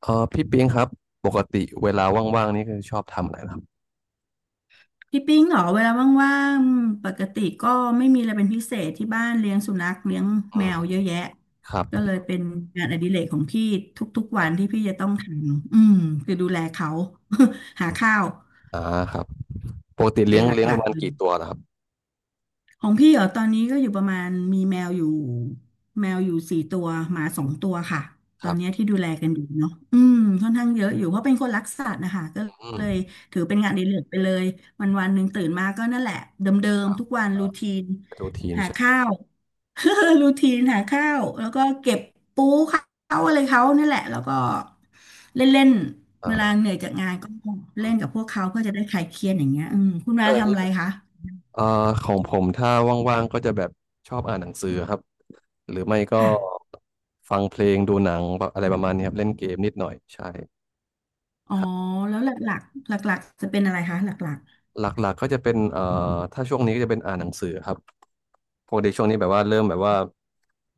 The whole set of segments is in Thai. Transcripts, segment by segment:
เออพี่ปิงครับปกติเวลาว่างๆนี่คือชอบทำอะไรนะครับพี่ปิ้งเหรอเวลาว่างๆปกติก็ไม่มีอะไรเป็นพิเศษที่บ้านเลี้ยงสุนัขเลี้ยงอืแมมวเยอะแยะครับก็เลยเป็นงานอดิเรกของพี่ทุกๆควัรันบที่พี่จะต้องทำคือดูแลเขา หาข้าวอ่าครับปกติเป็เลี้นยงหเลี้ยงปลัระกมาๆณเลย กี่ตัวนะครับของพี่เหรอตอนนี้ก็อยู่ประมาณมีแมวอยู่4ตัวหมา2 ตัวค่ะตคอรันเนี้ยบที่ดูแลกันอยู่เนาะค่อนข้างเยอะอยู่เพราะเป็นคนรักสัตว์นะคะก็อืมเลยถือเป็นงานอดิเรกไปเลยวันวันหนึ่งตื่นมาก็นั่นแหละเดิมๆทุกวันรูทีนเป็นรูทีนหาใช่ไหมข้าว รูทีนหาข้าวแล้วก็เก็บปูเขาอะไรเขานั่นแหละแล้วก็เล่นเล่นอเวลาเหนื่่าอยจากงานก็เล่อืมนกับพวกเขาเพื่อจะได้คลายเครียดอย่างเงี้ยคุณแล้มาวอย่างทำนี้อะไรคะเอ่อของผมถ้าว่างๆก็จะแบบชอบอ่านหนังสือครับหรือไม่ก็ค่ะ ฟังเพลงดูหนังแบบอะไรประมาณนี้ครับเล่นเกมนิดหน่อยใช่อ๋อครับแล้วหลักๆหลักๆจะเป็นอะไรคะหลักหลักๆก็จะเป็นถ้าช่วงนี้ก็จะเป็นอ่านหนังสือครับ ปกติช่วงนี้แบบว่า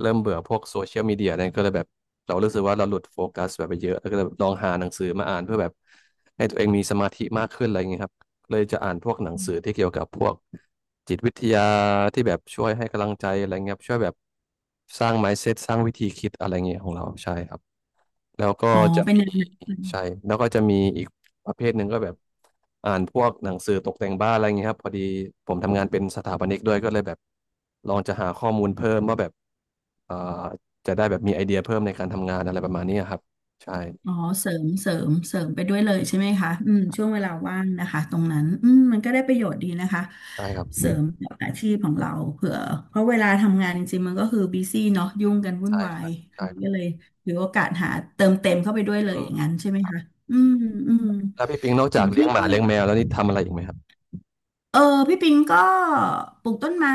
เริ่มเบื่อพวกโซเชียลมีเดียเนี่ยก็เลยแบบเรารู้สึกว่าเราหลุดโฟกัสแบบไปเยอะแล้วก็เลยลองหาหนังสือมาอ่านเพื่อแบบให้ตัวเองมีสมาธิมากขึ้นอะไรอย่างเงี้ยครับเลยจะอ่านพวกหนังสือที่เกี่ยวกับพวกจิตวิทยาที่แบบช่วยให้กำลังใจอะไรเงี้ยครับช่วยแบบสร้าง mindset สร้างวิธีคิดอะไรเงี้ยของเราใช่ครับ แล้วก็ๆอ๋อจะเป็นมีแนวนั้นใช่แล้วก็จะมีอีกประเภทหนึ่งก็แบบอ่านพวกหนังสือตกแต่งบ้านอะไรอย่างเงี้ยครับพอดีผมทำงานเป็นสถาปนิกด้วยก็เลยแบบลองจะหาข้อมูลเพิ่มว่าแบบเอ่อจะได้แบบมีไอเดียเพิ่มในการทำงานอะไรประมาณนี้ครับใช่อ๋อเสริมไปด้วยเลยใช่ไหมคะอืมช่วงเวลาว่างนะคะตรงนั้นมันก็ได้ประโยชน์ดีนะคะใช่ครับเสริมกับอาชีพของเราเผื่อเพราะเวลาทำงานจริงๆมันก็คือบีซี่เนาะยุ่งกันวุ่นใช่วาใช่ยอัใช่นนี้ครับก็เลยถือโอกาสหาเติมเต็มเข้าไปด้วยเลยอย่างนั้นใช่ไหมคะอืมอืมแล้วพี่ปิงนอกขจาอกงเลี้พี่ยงหมาก็ เลี้ยงแมวแล้วนี่ทำอะไรอีกไหมครับเออพี่ปิงก็ปลูกต้นไม้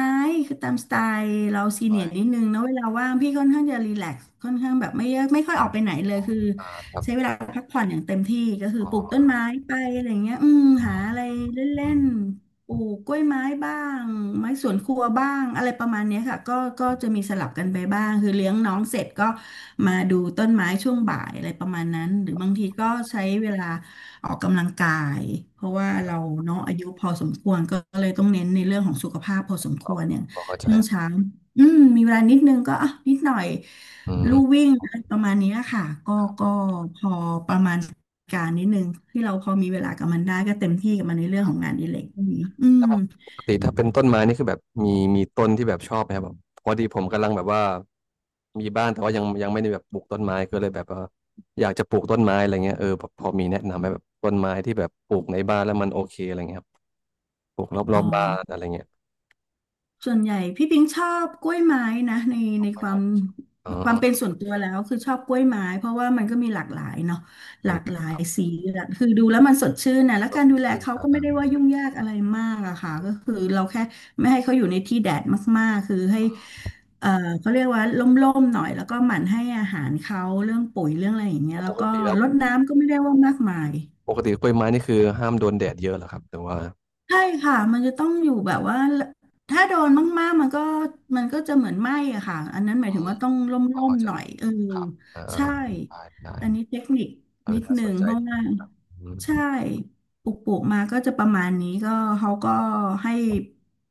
คือตามสไตล์เราซีเนีไม่ยร์นิดนึงนะเวลาว่างพี่ค่อนข้างจะรีแลกซ์ค่อนข้างแบบไม่เยอะไม่ค่อยอ๋อออกไปไหนเลยคือครับใช้เวลาพักผ่อนอย่างเต็มที่ก็คืออ๋ปลูกต้อนไม้ไปอะไรเงี้ยอืหามอะไรเล่อืนมๆปลูกกล้วยไม้บ้างไม้สวนครัวบ้างอะไรประมาณเนี้ยค่ะก็จะมีสลับกันไปบ้างคือเลี้ยงน้องเสร็จก็มาดูต้นไม้ช่วงบ่ายอะไรประมาณนั้นหรือบางทีก็ใช้เวลา ออกกำลังกายเพราะว่าเราเนาะอายุพอสมควรก็เลยต้องเน้นในเรื่องของสุขภาพพอสมคอ๋อวรเนี่ยเข้าใจช่วคงรับเช้ามีเวลานิดนึงก็อ่ะนิดหน่อยอืม ลู่วิ่งอะไรประมาณเนี้ยค่ะก็พอประมาณการนิดนึงที่เราพอมีเวลากับมันได้ก็เต็มที่กับมันในเรื่องของงานอดิเรกพวกนี้อืแล้มวปกติถ้าเป็นต้นไม้นี่คือแบบมีมีต้นที่แบบชอบไหมครับแบบพอดีผมกำลังแบบว่ามีบ้านแต่ว่ายังไม่ได้แบบปลูกต้นไม้ก็เลยแบบว่าอยากจะปลูกต้นไม้อะไรเงี้ยเออแบบพอมีแนะนำไหมแบบต้นไม้ที่แบบปลูกในบ้านแล้วมันโอเคอะไรเงี้ยครับปลูกรอบรอ๋อบบ้านอ อะไรเงี้ยส่วนใหญ่พี่ปิงชอบกล้วยไม้นะในกล้วคยวาไม้มอ๋อความเป็นส่วนตัวแล้วคือชอบกล้วยไม้เพราะว่ามันก็มีหลากหลายเนาะหอืลามกหลาคยรับสีหลากคือดูแล้วมันสดชื่นนะแล้วก็กาสรดดูแลชื่นเขาอ่าก็ดไม่ได้ว่ายุ่งยากอะไรมากอะค่ะก็คือเราแค่ไม่ให้เขาอยู่ในที่แดดมากๆคือให้เอ่อเขาเรียกว่าร่มๆหน่อยแล้วก็หมั่นให้อาหารเขาเรื่องปุ๋ยเรื่องอะไรอย่างำเงี้ยอ๋อแล้ปวกก็ติแล้วรดน้ำก็ไม่ได้ว่ามากมาย ปกติกล้วยไม้นี่คือห้ามโดนแดดเยอะเหรอครับแต่ว่าใช่ค่ะมันจะต้องอยู่แบบว่าถ้าโดนมากๆมันก็จะเหมือนไหม้อะค่ะอันนั้นหมายถึงว่าต้องรพอ่มเข้าๆใจหน่อยเออครับอ่ใช่าได้ได้อันนี้เทคนิคเออนิดน่านึสนงใจเพราะดีว่าครับอืม ใช่ปลูกมาก็จะประมาณนี้ก็เขาก็ให้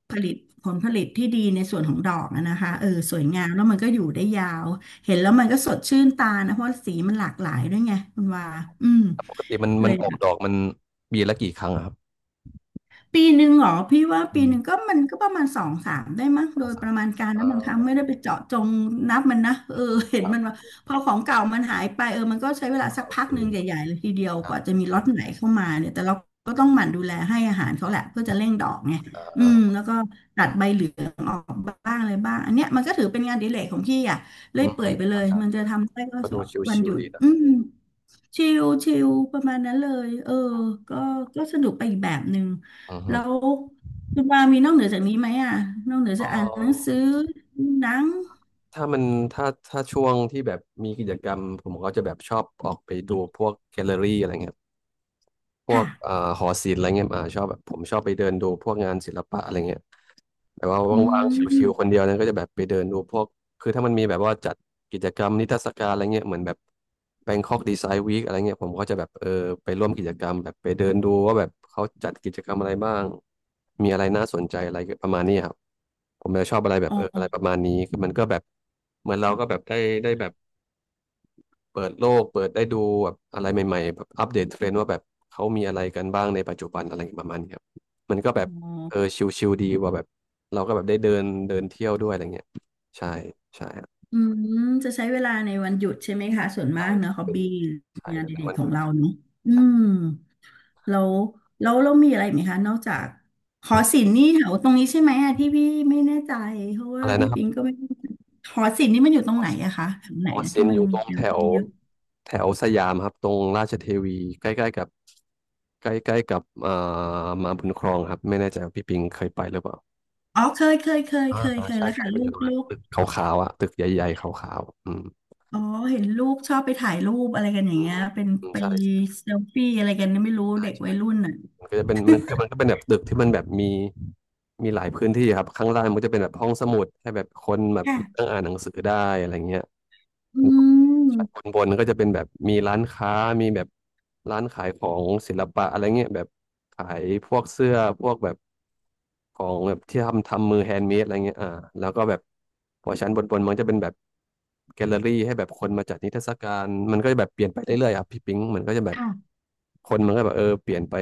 ผลิตผลผลิตที่ดีในส่วนของดอกนะนะคะเออสวยงามแล้วมันก็อยู่ได้ยาวเห็นแล้วมันก็สดชื่นตานะเพราะสีมันหลากหลายด้วยไงคุณว่าอืมปกติมันเลมันยออแบกบ ดอกมันปีละกี่ครั้งอะครับปีหนึ่งเหรอพี่ว่าอืปีมหนึ่งก็มันก็ประมาณสองสามได้มั้งสโดองยสาปมระคมารั้ณงการนะบางครั้งโอไม่เคได้ไปเจาะจงนับมันนะเออ อื มเห็คนรับมันว่าพอของเก่ามันหายไปเออมันก็ใช้เวลาสักโอพัเคกหนึ่งใหญ่ๆเลยทีเดียวคกรับว่าจะมีล็อตไหนเข้ามาเนี่ยแต่เราก็ต้องหมั่นดูแลให้อาหารอืเขาแหละมเพื่อจะเร่งดอกไงอ่อืมาแล้วก็ตัดใบเหลืองออกบ้างอะไรบ้างอันเนี้ยมันก็ถือเป็นงานอดิเรกของพี่อ่ะเลื่ออืยมเปื่อือยมไปเลเข้ายใจมันเลจะยทำได้ก็ก็ดูวันชิหวยุๆดดีนะอืม ชิลชิลประมาณนั้นเลย เออ ก็ก็สนุกไปอีกแบบหนึ่งอือฮึแล้วคุณปามีนอกเหนือจากนี้ไหมอ่ะนอกเหนือเอจากอ่านหนังสืออดูหนังถ้ามันถ้าถ้าช่วงที่แบบมีกิจกรรมผมก็จะแบบชอบออกไปดูพวกแกลเลอรี่อะไรเงี้ยพวค่ะกหอศิลป์อะไรเงี้ยชอบแบบผมชอบไปเดินดูพวกงานศิลปะอะไรเงี้ย แบบว่าอืว่างๆชิวๆ คมนเดียวนะก็จะแบบไปเดินดูพวกคือถ้ามันมีแบบว่าจัดกิจกรรมนิทรรศการอะไรเงี้ยเหมือนแบบ Bangkok Design Week อะไรเงี้ยผมก็จะแบบเออไปร่วมกิจกรรมแบบไปเดินดูว่าแบบเขาจัดกิจกรรมอะไรบ้างมีอะไรน่าสนใจอะไรประมาณนี้ครับผมจะชอบอะไรแบบอ๋เอออะไรปอ ระมาณนี้คือมันก็แบบเหมือนเราก็แบบได้ได้แบบ เปิดโลกเปิดได้ดูแบบอะไรใหม่ๆแบบอัปเดตเทรนด์ว่าแบบเขามีอะไรกันบ้างในปัจจุบันอะไรประมาณนี้ครับมันก็แบบอ๋เอออชิลๆดีว่าแบบเราก็แบบได้เดินเดินเที่ยวด้วยอะไรเงี้ยใช่ใช่ครับอืมจะใช้เวลาในวันหยุดใช่ไหมคะ ส่วนมาใช่กเนอะฮอบเป็นบี้ใช่งานแล้อวดิเป็นเรกวันขหอยุงดเราเนอะอืม แล้วแล้วเรามีอะไรอีกไหมคะนอกจากหอ่อศิอลป์นี่แถวตรงนี้ใช่ไหมอะที่พี่ไม่แน่ใจเพราะว่าอะไรพี่นะครับปิงก็ไม่แหอศิลป์นี่มันอยู่ตรองอไหนซินอะคะแถวไหอนอนะซิที่นมัอนยู่ตมีรงเยแถอะวเยอะแถวสยามครับตรงราชเทวีใกล้ๆกับใกล้ๆกับมาบุญครองครับไม่แน่ใจว่าพี่ปิงเคยไปหรือเปล่า อ๋อเคยเคยเคยอ่าเคยอ่าเคยใช่แล้วใช่ค่ะมันลูอยู่กตรงลูนั้นกตึกขาวๆอ่ะตึกใหญ่ๆขาวๆอืมอ๋อเห็นลูกชอบไปถ่ายรูปอะไรกันอย่าอืงมเงี้ยเป็นอืมไปใช่เซลฟี่อะไรกันไม่รู้ใช่เด็กใช่วัยรุ่นน่ะมันก็จะเป็นมันคือมันก็เป็นแบบตึกที่มันแบบมีมีหลายพื้นที่ครับข้างล่างมันก็จะเป็นแบบห้องสมุดให้แบบคนแบบค่ะนั่งอ่านหนังสือได้อะไรเงี้ยอืแล้วชั้นบมนบนก็จะเป็นแบบมีร้านค้ามีแบบร้านขายของศิลปะอะไรเงี้ยแบบขายพวกเสื้อพวกแบบ ของแบบที่ทำมือแฮนด์เมดอะไรเงี้ยแล้วก็แบบพอชั้นบนมันจะเป็นแบบแกลเลอรี่ให้แบบคนมาจัดนิทรรศการมันก็จะแบบเปลี่ยนไปเรื่อยๆอ่ะพี่ปิงมันก็จะแบบค่ะคนมันก็แบบเปลี่ยนไป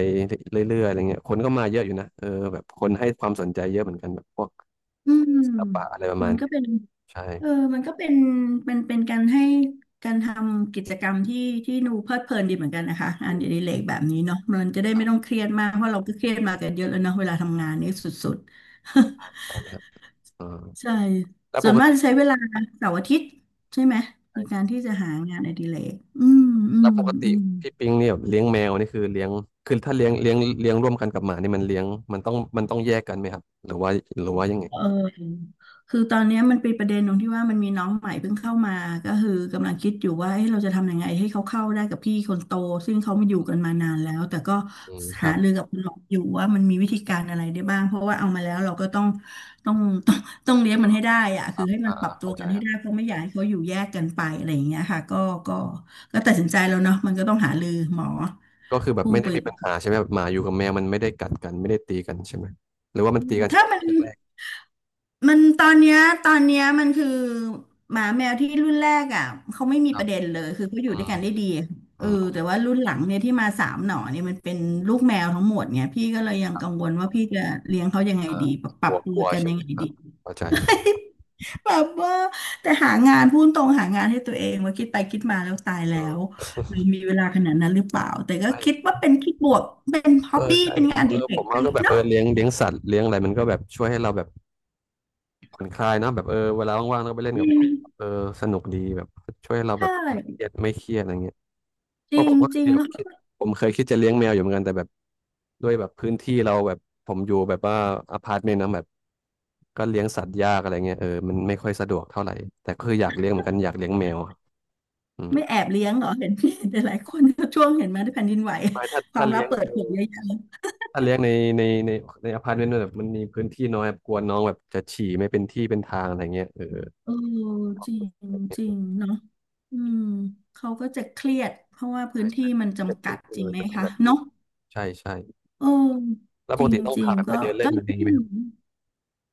เรื่อยๆอะไรเงี้ยคนก็มาเยอะอยู่นะเออแบบคนให้ความสนใจเยอะเหมือนกันแบบพวกอืมศิลปะอะไรประมัมาณนก็นี้เป็น ใช่เออมันก็เป็นเป็นการให้การทำกิจกรรมที่ที่ดูเพลิดเพลินดีเหมือนกันนะคะงาอืนอดิมเรกแบบนี้เนาะมันจะได้ไม่ต้องเครียดมากเพราะเราก็เครียดมากันเยอะแล้วเนาะเวลาทำงานนี่สุดๆ ใช่ใช่นะครับอ่า ใช่ แล้วส่ปวนกมากจะติใช้เวลาเสาร์อาทิตย์ใช่ไหมในใช่การใช่ที่จะหางานอดิเรกอืมอืแล้วมปกอืติม พี่ปิงเนี่ยแบบเลี้ยงแมวนี่คือเลี้ยงคือถ้าเลี้ยงร่วมกันกับหมานี่มันเลี้ยงมันต้องแยกกันไหมครับหรือว่าหรือว่ายังไง เออคือตอนเนี้ยมันเป็นประเด็นตรงที่ว่ามันมีน้องใหม่เพิ่งเข้ามาก็คือกำลังคิดอยู่ว่าเอ้ยเราจะทำยังไงให้เขาเข้าได้กับพี่คนโตซึ่งเขาไม่อยู่กันมานานแล้วแต่ก็อืมคหารับรือกับคุณหมออยู่ว่ามันมีวิธีการอะไรได้บ้างเพราะว่าเอามาแล้วเราก็ต้องต้องต้องต้องเลี้ยงมันให้ได้อะคคืรัอบให้มันปรับตัวเข้าใจกันคให้รัได้บเพราะไม่อยากให้เขาอยู่แยกกันไปอะไรอย่างเงี้ยค่ะก็ก็ก็ตัดสินใจแล้วเนาะมันก็ต้องหารือหมอก็คือแบบผู้ไม่ได้ไปมีปัญหาใช่ไหมแบบหมาอยู่กับแมวมันไม่ได้กัดกันไม่ได้ตีกันใช่ไหมหรือว่ามันตีกันเฉถ้าพาะมัน แรกมันตอนเนี้ยตอนเนี้ยมันคือหมาแมวที่รุ่นแรกอ่ะเขาไม่ๆมีคปรับระเด็นเลยคือเขาอยู่อืด้วยมกันได้ดีเออือมโอแต่เคว่ารุ่นหลังเนี่ยที่มาสามหน่อเนี่ยมันเป็นลูกแมวทั้งหมดเนี่ยพี่ก็เลยยัคงรักังบวลว่าพี่จะเลี้ยงเขายังไงอ่าดีปรับปกรัลับวตักวลัวกันใช่ยัไหงมไงครัดีบเข้าใจแบบว่าแต่หางานพูดตรงหางานให้ตัวเองว่าคิดไปคิดมาแล้วตายเอแล้วอเรอมีเวลาขนาดนั้นหรือเปล่าแต่ก็คิดใช่ว่าเป็นคิดบวกเป็นฮ็อเอบอบี้ใช่เป็นงานอเอดีอเล็ผกมไปว่าก็แบบเนาะเลี้ยงเลี้ยงสัตว์เลี้ยงอะไรมันก็แบบช่วยให้เราแบบผ่อนคลายนะแบบเวลาว่างๆเราก็ไปเล่นอืกับน้องเอมอสนุกดีแบบช่วยให้เราแบใช่บไม่เครียดอะไรเงี้ยจเพริราะผงมก็จเคริยง แบบคิดผมเคยคิดจะเลี้ยงแมวอยู่เหมือนกันแต่แบบ ด้วยแบบพื้นที่เราแบบผมอยู่แบบว่าอพาร์ตเมนต์นะแบบก็เลี้ยงสัตว์ยากอะไรเงี้ยมันไม่ค่อยสะดวกเท่าไหร่แต่คืออยากเลี้ยงเหมือนกันอยากเลี้ยงแมวครับอืมไม่แอบเลี้ยงเหรอเห็นพี่หลายๆคนช่วงเห็นไหมาที่แผ่นดินไหวไม่ถ้าความลัเลี้บยงเปิดเผยเยอะแยะเลยถ้าเลี้ยงในในในในอพาร์ตเมนต์แบบมันมีพื้นที่น้อยแบบกลัวน้องแบบจะฉี่ไม่เป็นที่เป็นทางอะไรเงี้ยเออเออจริงจริใงเนาะอืมเขาก็จะเครียดเพราะว่าพื้ช่นที่ใช่มันเป็นจำกัพื้ดนที่จริน้งอยไหมมันต้องคะแบบนี้เนาะใช่ใช่เออแล้วจปกริงติต้องจริพางแบบไปก็เดินเล่ก็นเลอะไรอย่างย งี้ไหมครับ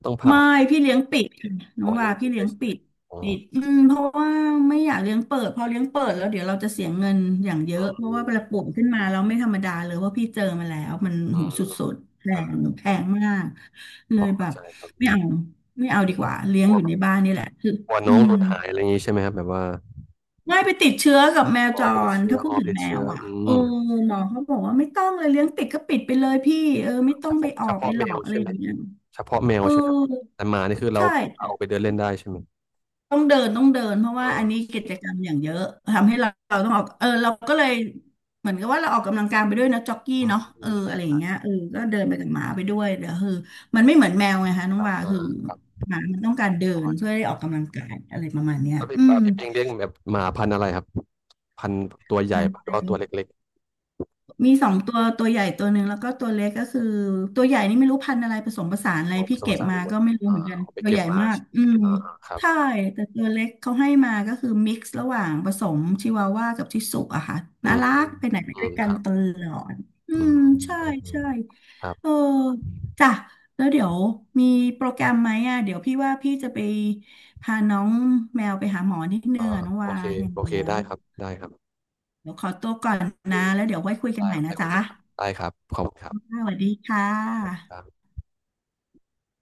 ต้องพาไม่ออกพี่เลี้ยงปิดค่ะอน้อองกกำว่าลังกาพี่ยเลเลี้ยยงใช่ไหปิมดอ๋อปิดอืมเพราะว่าไม่อยากเลี้ยงเปิดพอเลี้ยงเปิดแล้วเดี๋ยวเราจะเสียเงินอย่างเยออะเพืราะว่ามเวลาป่วยขึ้นมาเราไม่ธรรมดาเลยว่าะพี่เจอมาแล้วมันอืหูสมุดๆแพงอ่าแพงมากเลพอยแบเข้าบใจครับไม่อืมเอาไม่เอาอืดีม กว่าเลี้ยงอยู่ในบ้านนี่แหละคือกลัวอืน้องหมลุดหายอะไรอย่างนี้ใช่ไหมครับแบบว่าไม่ยไปติดเชื้อกับแมวอ๋อจไปติดรเชื้อถ้าพูอ๋ดอถึไปงติดแมเชื้อวอ่ะอืเอมอหมอเขาบอกว่าไม่ต้องเลยเลี้ยงปิดก็ปิดไปเลยพี่เออไม่ต้เฉองไปพาะออเฉกไปพาะหลแมอวกอะไรใช่อไหมย่างเงี้ยเฉพาะแมวเออใช่ไหมแต่หมานี่คือเราใช่ เอาไปเดินเล่นได้ใช่ไหมต้องเดินเพราะเอว่าอันนี้อกิจกรรมอย่างเยอะทำให้เราต้องออกเออเราก็เลยเหมือนกับว่าเราออกกำลังกายไปด้วยนะจ็อกกี้อืมเนาะเออใช่อะไรอย่าใช่งเงี้ยเออก็เดินไปกับหมาไปด้วยเดี๋ยวคือมันไม่เหมือนแมวไงคะน้คองรับว่าเออคือเออครับหมามันต้องการเดิพอนเข้าใจเพื่อได้ออกกำลังกายอะไรประมาณเนี้ยแล้วพี่อืปามพี่ปิงเลี้ยงแบบหมาพันธุ์อะไรครับพันธุ์ตัวใหญ่พันปะหรือเต็ว่าม ตัวเล็กมีสองตัวตัวใหญ่ตัวหนึ่งแล้วก็ตัวเล็กก็คือตัวใหญ่นี่ไม่รู้พันธุ์อะไรผสมผสานอะๆขไรองผพี่สมผเก็บสานมาไม่เหมือก็นไม่รู้เหมือนอ่ากันเอาไปตัวเก็ใหบญ่มามากใช่ไหมอืมอ่าครับใช่แต่ตัวเล็กเขาให้มาก็คือมิกซ์ระหว่างผสมชิวาว่ากับชิสุอะค่ะอืน่ามรักไปไหนไปอืด้วมยกัคนรับตลอดอือืมมอืใช่มอืใช่มครับเออจ้ะแล้วเดี๋ยวมีโปรแกรมไหมอ่ะเดี๋ยวพี่ว่าพี่จะไปพาน้องแมวไปหาหมอนิดนึอ่างอะน้องโอวาเคอย่างโอเคแล้วได้ครับได้ครับโเดี๋ยวขอตัวก่อนอเค นะแล้วเดี๋ยวไว้คุยกันได้ใหม่นะได้คุยจ๊ะ กันครับได้ครับ ขอบคุณครับสวัสดีค่สวัสดีครับะ